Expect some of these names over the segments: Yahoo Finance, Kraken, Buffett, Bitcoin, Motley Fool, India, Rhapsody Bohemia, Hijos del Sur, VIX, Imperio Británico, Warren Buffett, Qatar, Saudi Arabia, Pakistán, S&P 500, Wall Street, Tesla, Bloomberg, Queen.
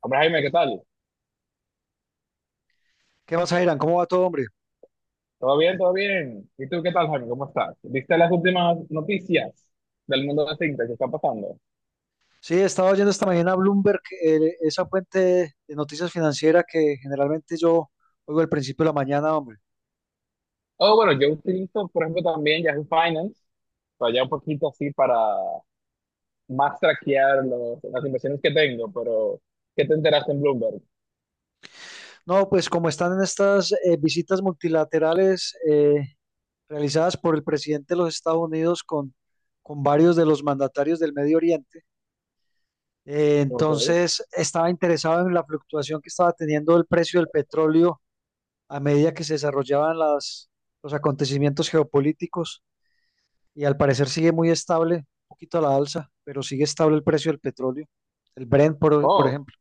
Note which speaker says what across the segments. Speaker 1: Hombre, Jaime, ¿qué tal?
Speaker 2: ¿Qué más, Irán? ¿Cómo va todo, hombre?
Speaker 1: ¿Todo bien? ¿Todo bien? ¿Y tú qué tal, Jaime? ¿Cómo estás? ¿Viste las últimas noticias del mundo de fintech que está pasando?
Speaker 2: Sí, estaba oyendo esta mañana Bloomberg, esa fuente de noticias financieras que generalmente yo oigo al principio de la mañana, hombre.
Speaker 1: Oh, bueno, yo utilizo, por ejemplo, también Yahoo Finance, para ya un poquito así para más traquear las inversiones que tengo, pero ¿qué te enteraste en Bloomberg?
Speaker 2: No, pues como están en estas visitas multilaterales realizadas por el presidente de los Estados Unidos con varios de los mandatarios del Medio Oriente,
Speaker 1: Ok.
Speaker 2: entonces estaba interesado en la fluctuación que estaba teniendo el precio del petróleo a medida que se desarrollaban los acontecimientos geopolíticos, y al parecer sigue muy estable, un poquito a la alza, pero sigue estable el precio del petróleo, el Brent, por
Speaker 1: Oh,
Speaker 2: ejemplo.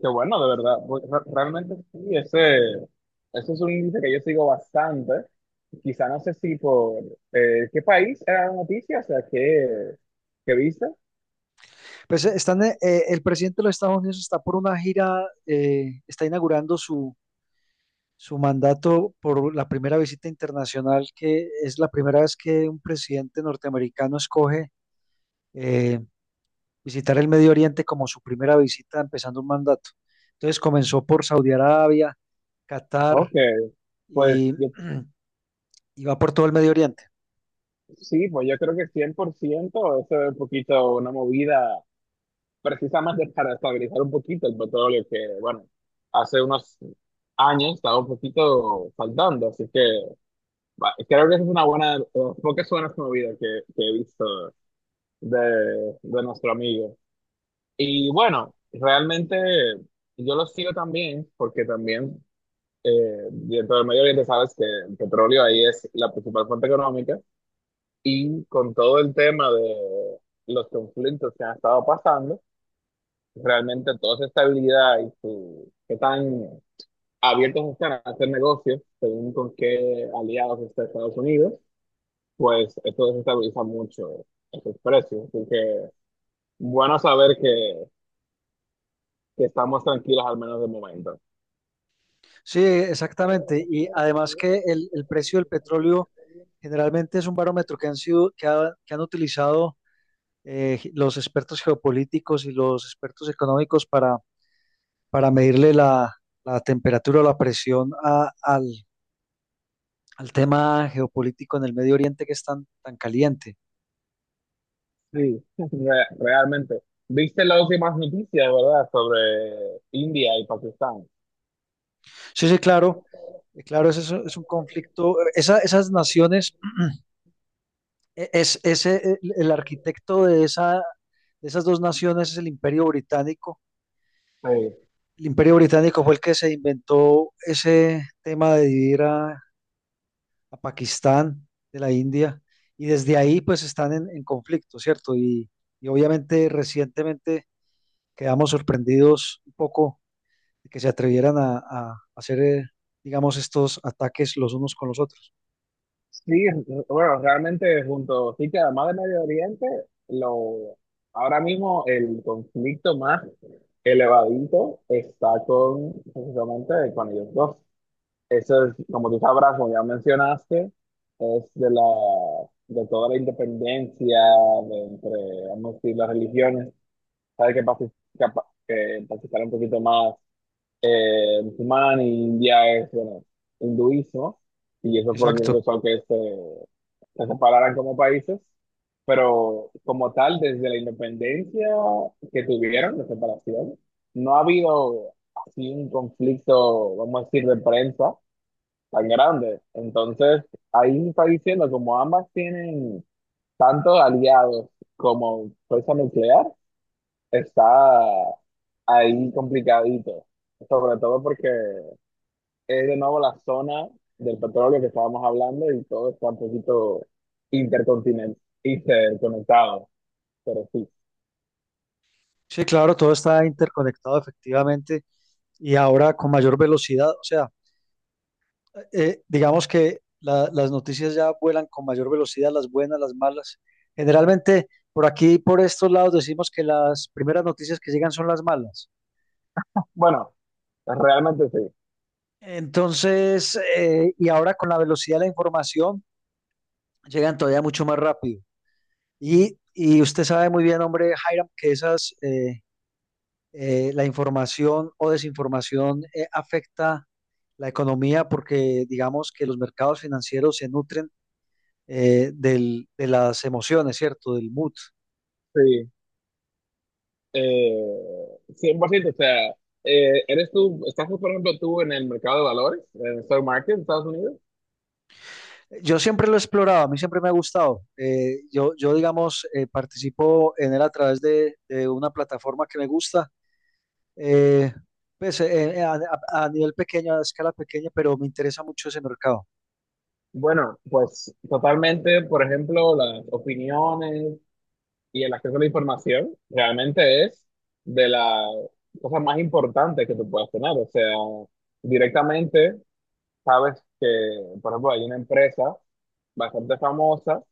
Speaker 1: qué bueno, de verdad. Pues, realmente sí, ese es un índice que yo sigo bastante. Quizá no sé si por qué país era la noticia, o sea, qué viste.
Speaker 2: Pues el presidente de los Estados Unidos está por una gira, está inaugurando su mandato por la primera visita internacional, que es la primera vez que un presidente norteamericano escoge eh, visitar el Medio Oriente como su primera visita empezando un mandato. Entonces comenzó por Saudi Arabia, Qatar
Speaker 1: Ok, pues
Speaker 2: y
Speaker 1: yo,
Speaker 2: y va por todo el Medio Oriente.
Speaker 1: sí, pues yo creo que 100% eso es un poquito una movida precisa más de para estabilizar un poquito el petróleo que, bueno, hace unos años estaba un poquito faltando, así que va, creo que esa es una buena, de las pocas buenas movidas que he visto de, de nuestro amigo. Y bueno, realmente yo lo sigo también, porque también eh, dentro del Medio Oriente sabes que el petróleo ahí es la principal fuente económica y con todo el tema de los conflictos que han estado pasando, realmente toda esa estabilidad y su, qué tan abiertos están a hacer negocios según con qué aliados está Estados Unidos, pues esto desestabiliza mucho esos precios. Así que bueno saber que estamos tranquilos al menos de momento.
Speaker 2: Sí, exactamente. Y además que el precio del petróleo generalmente es un barómetro que han sido, que, que han utilizado los expertos geopolíticos y los expertos económicos para medirle la temperatura o la presión al tema geopolítico en el Medio Oriente que es tan, tan caliente.
Speaker 1: Sí, realmente. ¿Viste las últimas noticias, verdad, sobre India y Pakistán?
Speaker 2: Sí, sí, claro. Claro, ese es un conflicto. Esas naciones, el arquitecto de, esa, de esas dos naciones es el Imperio Británico.
Speaker 1: Sí,
Speaker 2: El Imperio Británico fue el que se inventó ese tema de dividir a Pakistán de la India, y desde ahí pues están en conflicto, ¿cierto? Y obviamente recientemente quedamos sorprendidos un poco de que se atrevieran a hacer, digamos, estos ataques los unos con los otros.
Speaker 1: sí, bueno, realmente junto, sí que además de Medio Oriente, lo, ahora mismo el conflicto más elevadito está con, precisamente, con ellos dos. Eso es, como tú sabrás, como ya mencionaste, es de la, de toda la independencia de entre, vamos a decir, las religiones. Sabes que, que, que Pakistán es un poquito más musulmán y India es, bueno, hinduismo. Y eso fue lo que
Speaker 2: Exacto.
Speaker 1: causó que se separaran como países. Pero como tal, desde la independencia que tuvieron, la separación, no ha habido así un conflicto, vamos a decir, de prensa tan grande. Entonces, ahí está diciendo, como ambas tienen tantos aliados como fuerza nuclear, está ahí complicadito. Sobre todo porque es de nuevo la zona del petróleo que estábamos hablando y todo está un poquito intercontinental, interconectado. Pero sí.
Speaker 2: Sí, claro, todo está interconectado efectivamente y ahora con mayor velocidad. O sea, digamos que las noticias ya vuelan con mayor velocidad, las buenas, las malas. Generalmente por aquí, por estos lados, decimos que las primeras noticias que llegan son las malas.
Speaker 1: Bueno, realmente sí.
Speaker 2: Entonces, y ahora con la velocidad de la información, llegan todavía mucho más rápido. Y usted sabe muy bien, hombre, Hiram, que esas, la información o desinformación afecta la economía, porque digamos que los mercados financieros se nutren de las emociones, ¿cierto? Del mood.
Speaker 1: Sí. 100%, o sea, ¿eres tú, estás por ejemplo tú en el mercado de valores, en el stock market de Estados Unidos?
Speaker 2: Yo siempre lo he explorado, a mí siempre me ha gustado. Yo, digamos, participo en él a través de una plataforma que me gusta, eh, a nivel pequeño, a escala pequeña, pero me interesa mucho ese mercado.
Speaker 1: Bueno, pues totalmente, por ejemplo, las opiniones y el acceso a la información realmente es de las cosas más importantes que tú puedas tener. O sea, directamente sabes que, por ejemplo, hay una empresa bastante famosa,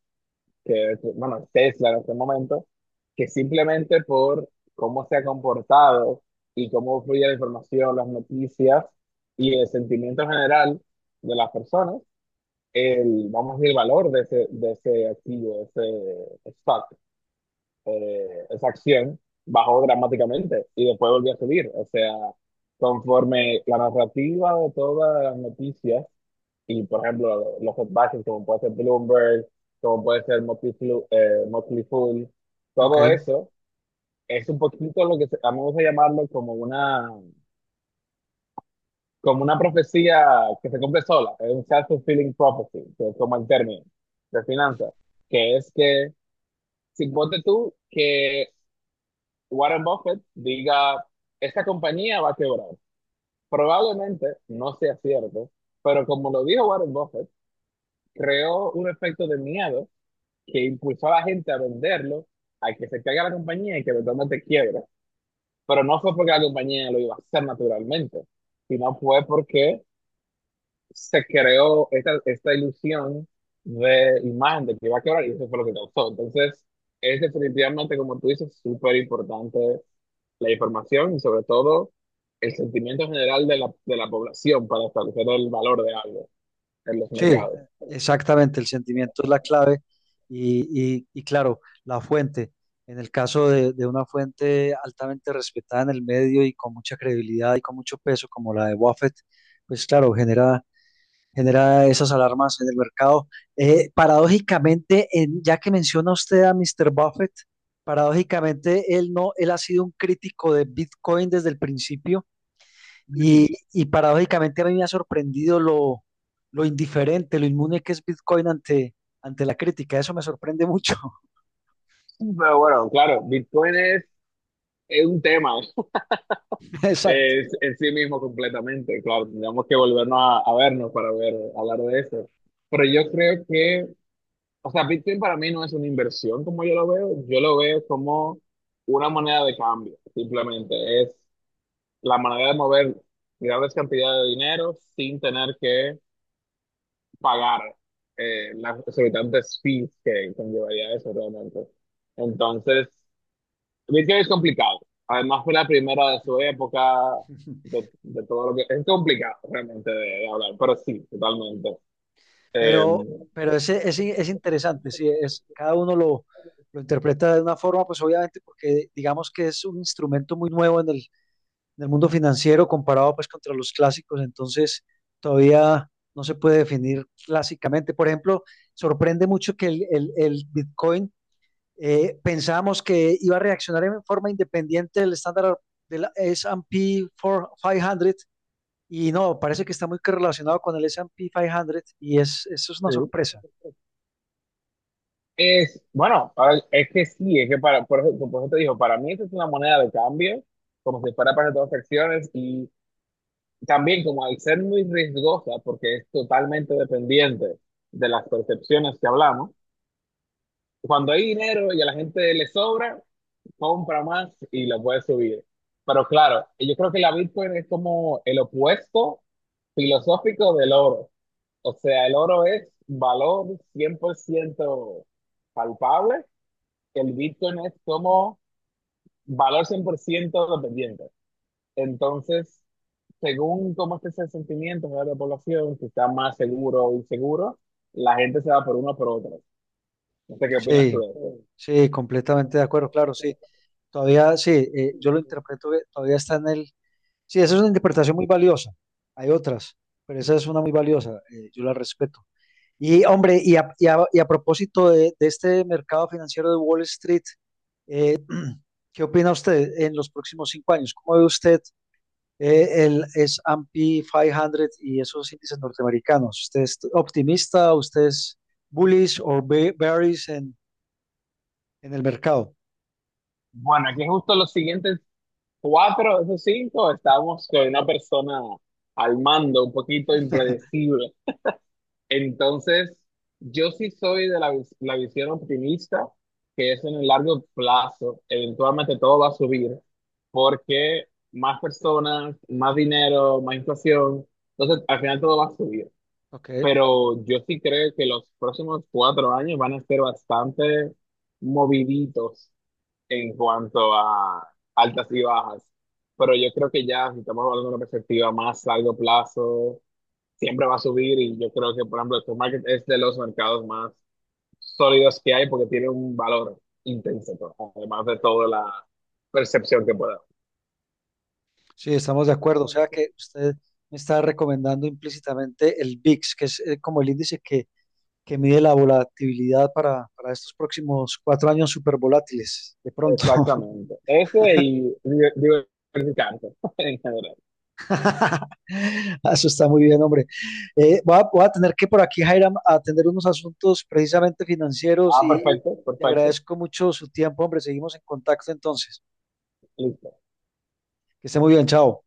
Speaker 1: que, que, bueno, es Tesla en este momento, que simplemente por cómo se ha comportado y cómo fluye la información, las noticias y el sentimiento general de las personas, el, vamos a decir, valor de de ese activo, de ese stock, esa acción, bajó dramáticamente y después volvió a subir. O sea, conforme la narrativa de todas las noticias, y por ejemplo, los headbacks como puede ser Bloomberg, como puede ser Motley Fool,
Speaker 2: Ok.
Speaker 1: todo eso es un poquito lo que vamos a llamarlo como una profecía que se cumple sola, es un self-fulfilling prophecy, que es como el término de finanzas, que es que, si ponte tú que Warren Buffett diga, esta compañía va a quebrar, probablemente no sea cierto, pero como lo dijo Warren Buffett, creó un efecto de miedo que impulsó a la gente a venderlo, a que se caiga la compañía y que eventualmente quiebra, pero no fue porque la compañía lo iba a hacer naturalmente, sino fue porque se creó esta ilusión de imagen de que iba a quebrar y eso fue lo que causó. Entonces, es definitivamente, como tú dices, súper importante la información y sobre todo el sentimiento general de de la población para establecer el valor de algo en los
Speaker 2: Sí,
Speaker 1: mercados.
Speaker 2: exactamente, el sentimiento es la clave y, y claro, la fuente. En el caso de una fuente altamente respetada en el medio y con mucha credibilidad y con mucho peso como la de Buffett, pues claro, genera, genera esas alarmas en el mercado. Paradójicamente, ya que menciona usted a Mr. Buffett, paradójicamente él no, él ha sido un crítico de Bitcoin desde el principio,
Speaker 1: Mm.
Speaker 2: y paradójicamente a mí me ha sorprendido lo indiferente, lo inmune que es Bitcoin ante, ante la crítica. Eso me sorprende mucho.
Speaker 1: Pero bueno, claro, es un tema,
Speaker 2: Exacto.
Speaker 1: es en sí mismo completamente, claro, tendríamos que volvernos a vernos para ver, hablar de eso. Pero yo creo que... O sea, Bitcoin para mí no es una inversión como yo lo veo como una moneda de cambio, simplemente es la manera de mover grandes cantidades de dinero sin tener que pagar las exorbitantes fees que conllevaría eso realmente. Entonces, Bitcoin es complicado. Además fue la primera de su época, de todo lo que... Es complicado realmente de hablar, pero sí, totalmente. Em,
Speaker 2: Pero, pero es interesante, sí, es, cada uno lo interpreta de una forma, pues obviamente porque digamos que es un instrumento muy nuevo en el mundo financiero comparado pues contra los clásicos, entonces todavía no se puede definir clásicamente. Por ejemplo, sorprende mucho que el Bitcoin, pensábamos que iba a reaccionar en forma independiente del estándar del S&P 500, y no, parece que está muy relacionado con el S&P 500, y es, eso es una
Speaker 1: Sí,
Speaker 2: sorpresa.
Speaker 1: Es, bueno, es que sí, es que para, por eso te digo, para mí eso es una moneda de cambio, como si fuera para transacciones y también como al ser muy riesgosa, porque es totalmente dependiente de las percepciones que hablamos, cuando hay dinero y a la gente le sobra, compra más y lo puede subir. Pero claro, yo creo que la Bitcoin es como el opuesto filosófico del oro. O sea, el oro es valor 100% palpable, el Bitcoin es como valor 100% dependiente. Entonces, según cómo esté ese sentimiento de la población, si está más seguro o inseguro, la gente se va por uno o por otro. No sé qué opinas tú
Speaker 2: Sí,
Speaker 1: de eso.
Speaker 2: sí, completamente de acuerdo, claro, sí. Todavía, sí, yo lo interpreto, que todavía está en el... Sí, esa es una interpretación muy valiosa. Hay otras, pero esa es una muy valiosa, yo la respeto. Y hombre, y y a propósito de este mercado financiero de Wall Street, eh, ¿qué opina usted en los próximos 5 años? ¿Cómo ve usted el S&P 500 y esos índices norteamericanos? ¿Usted es optimista? ¿Usted es bullish o bearish en el mercado?
Speaker 1: Bueno, aquí justo los siguientes cuatro de esos cinco estamos con una persona al mando, un poquito impredecible. Entonces, yo sí soy de la visión optimista, que es en el largo plazo, eventualmente todo va a subir, porque más personas, más dinero, más inflación, entonces al final todo va a subir.
Speaker 2: Ok,
Speaker 1: Pero yo sí creo que los próximos 4 años van a ser bastante moviditos en cuanto a altas y bajas. Pero yo creo que ya, si estamos hablando de una perspectiva más largo plazo, siempre va a subir y yo creo que, por ejemplo, el stock market es de los mercados más sólidos que hay porque tiene un valor intrínseco, además de toda la percepción que pueda.
Speaker 2: sí, estamos de acuerdo. O sea que usted me está recomendando implícitamente el VIX, que es como el índice que mide la volatilidad para estos próximos 4 años súper volátiles, de pronto.
Speaker 1: Exactamente. Ese y diversificarse en general.
Speaker 2: Eso está muy bien, hombre. Voy a, voy a tener que por aquí, Jairam, atender unos asuntos precisamente financieros,
Speaker 1: Ah,
Speaker 2: y
Speaker 1: perfecto,
Speaker 2: le
Speaker 1: perfecto.
Speaker 2: agradezco mucho su tiempo, hombre. Seguimos en contacto, entonces.
Speaker 1: Listo.
Speaker 2: Que esté muy bien, chao.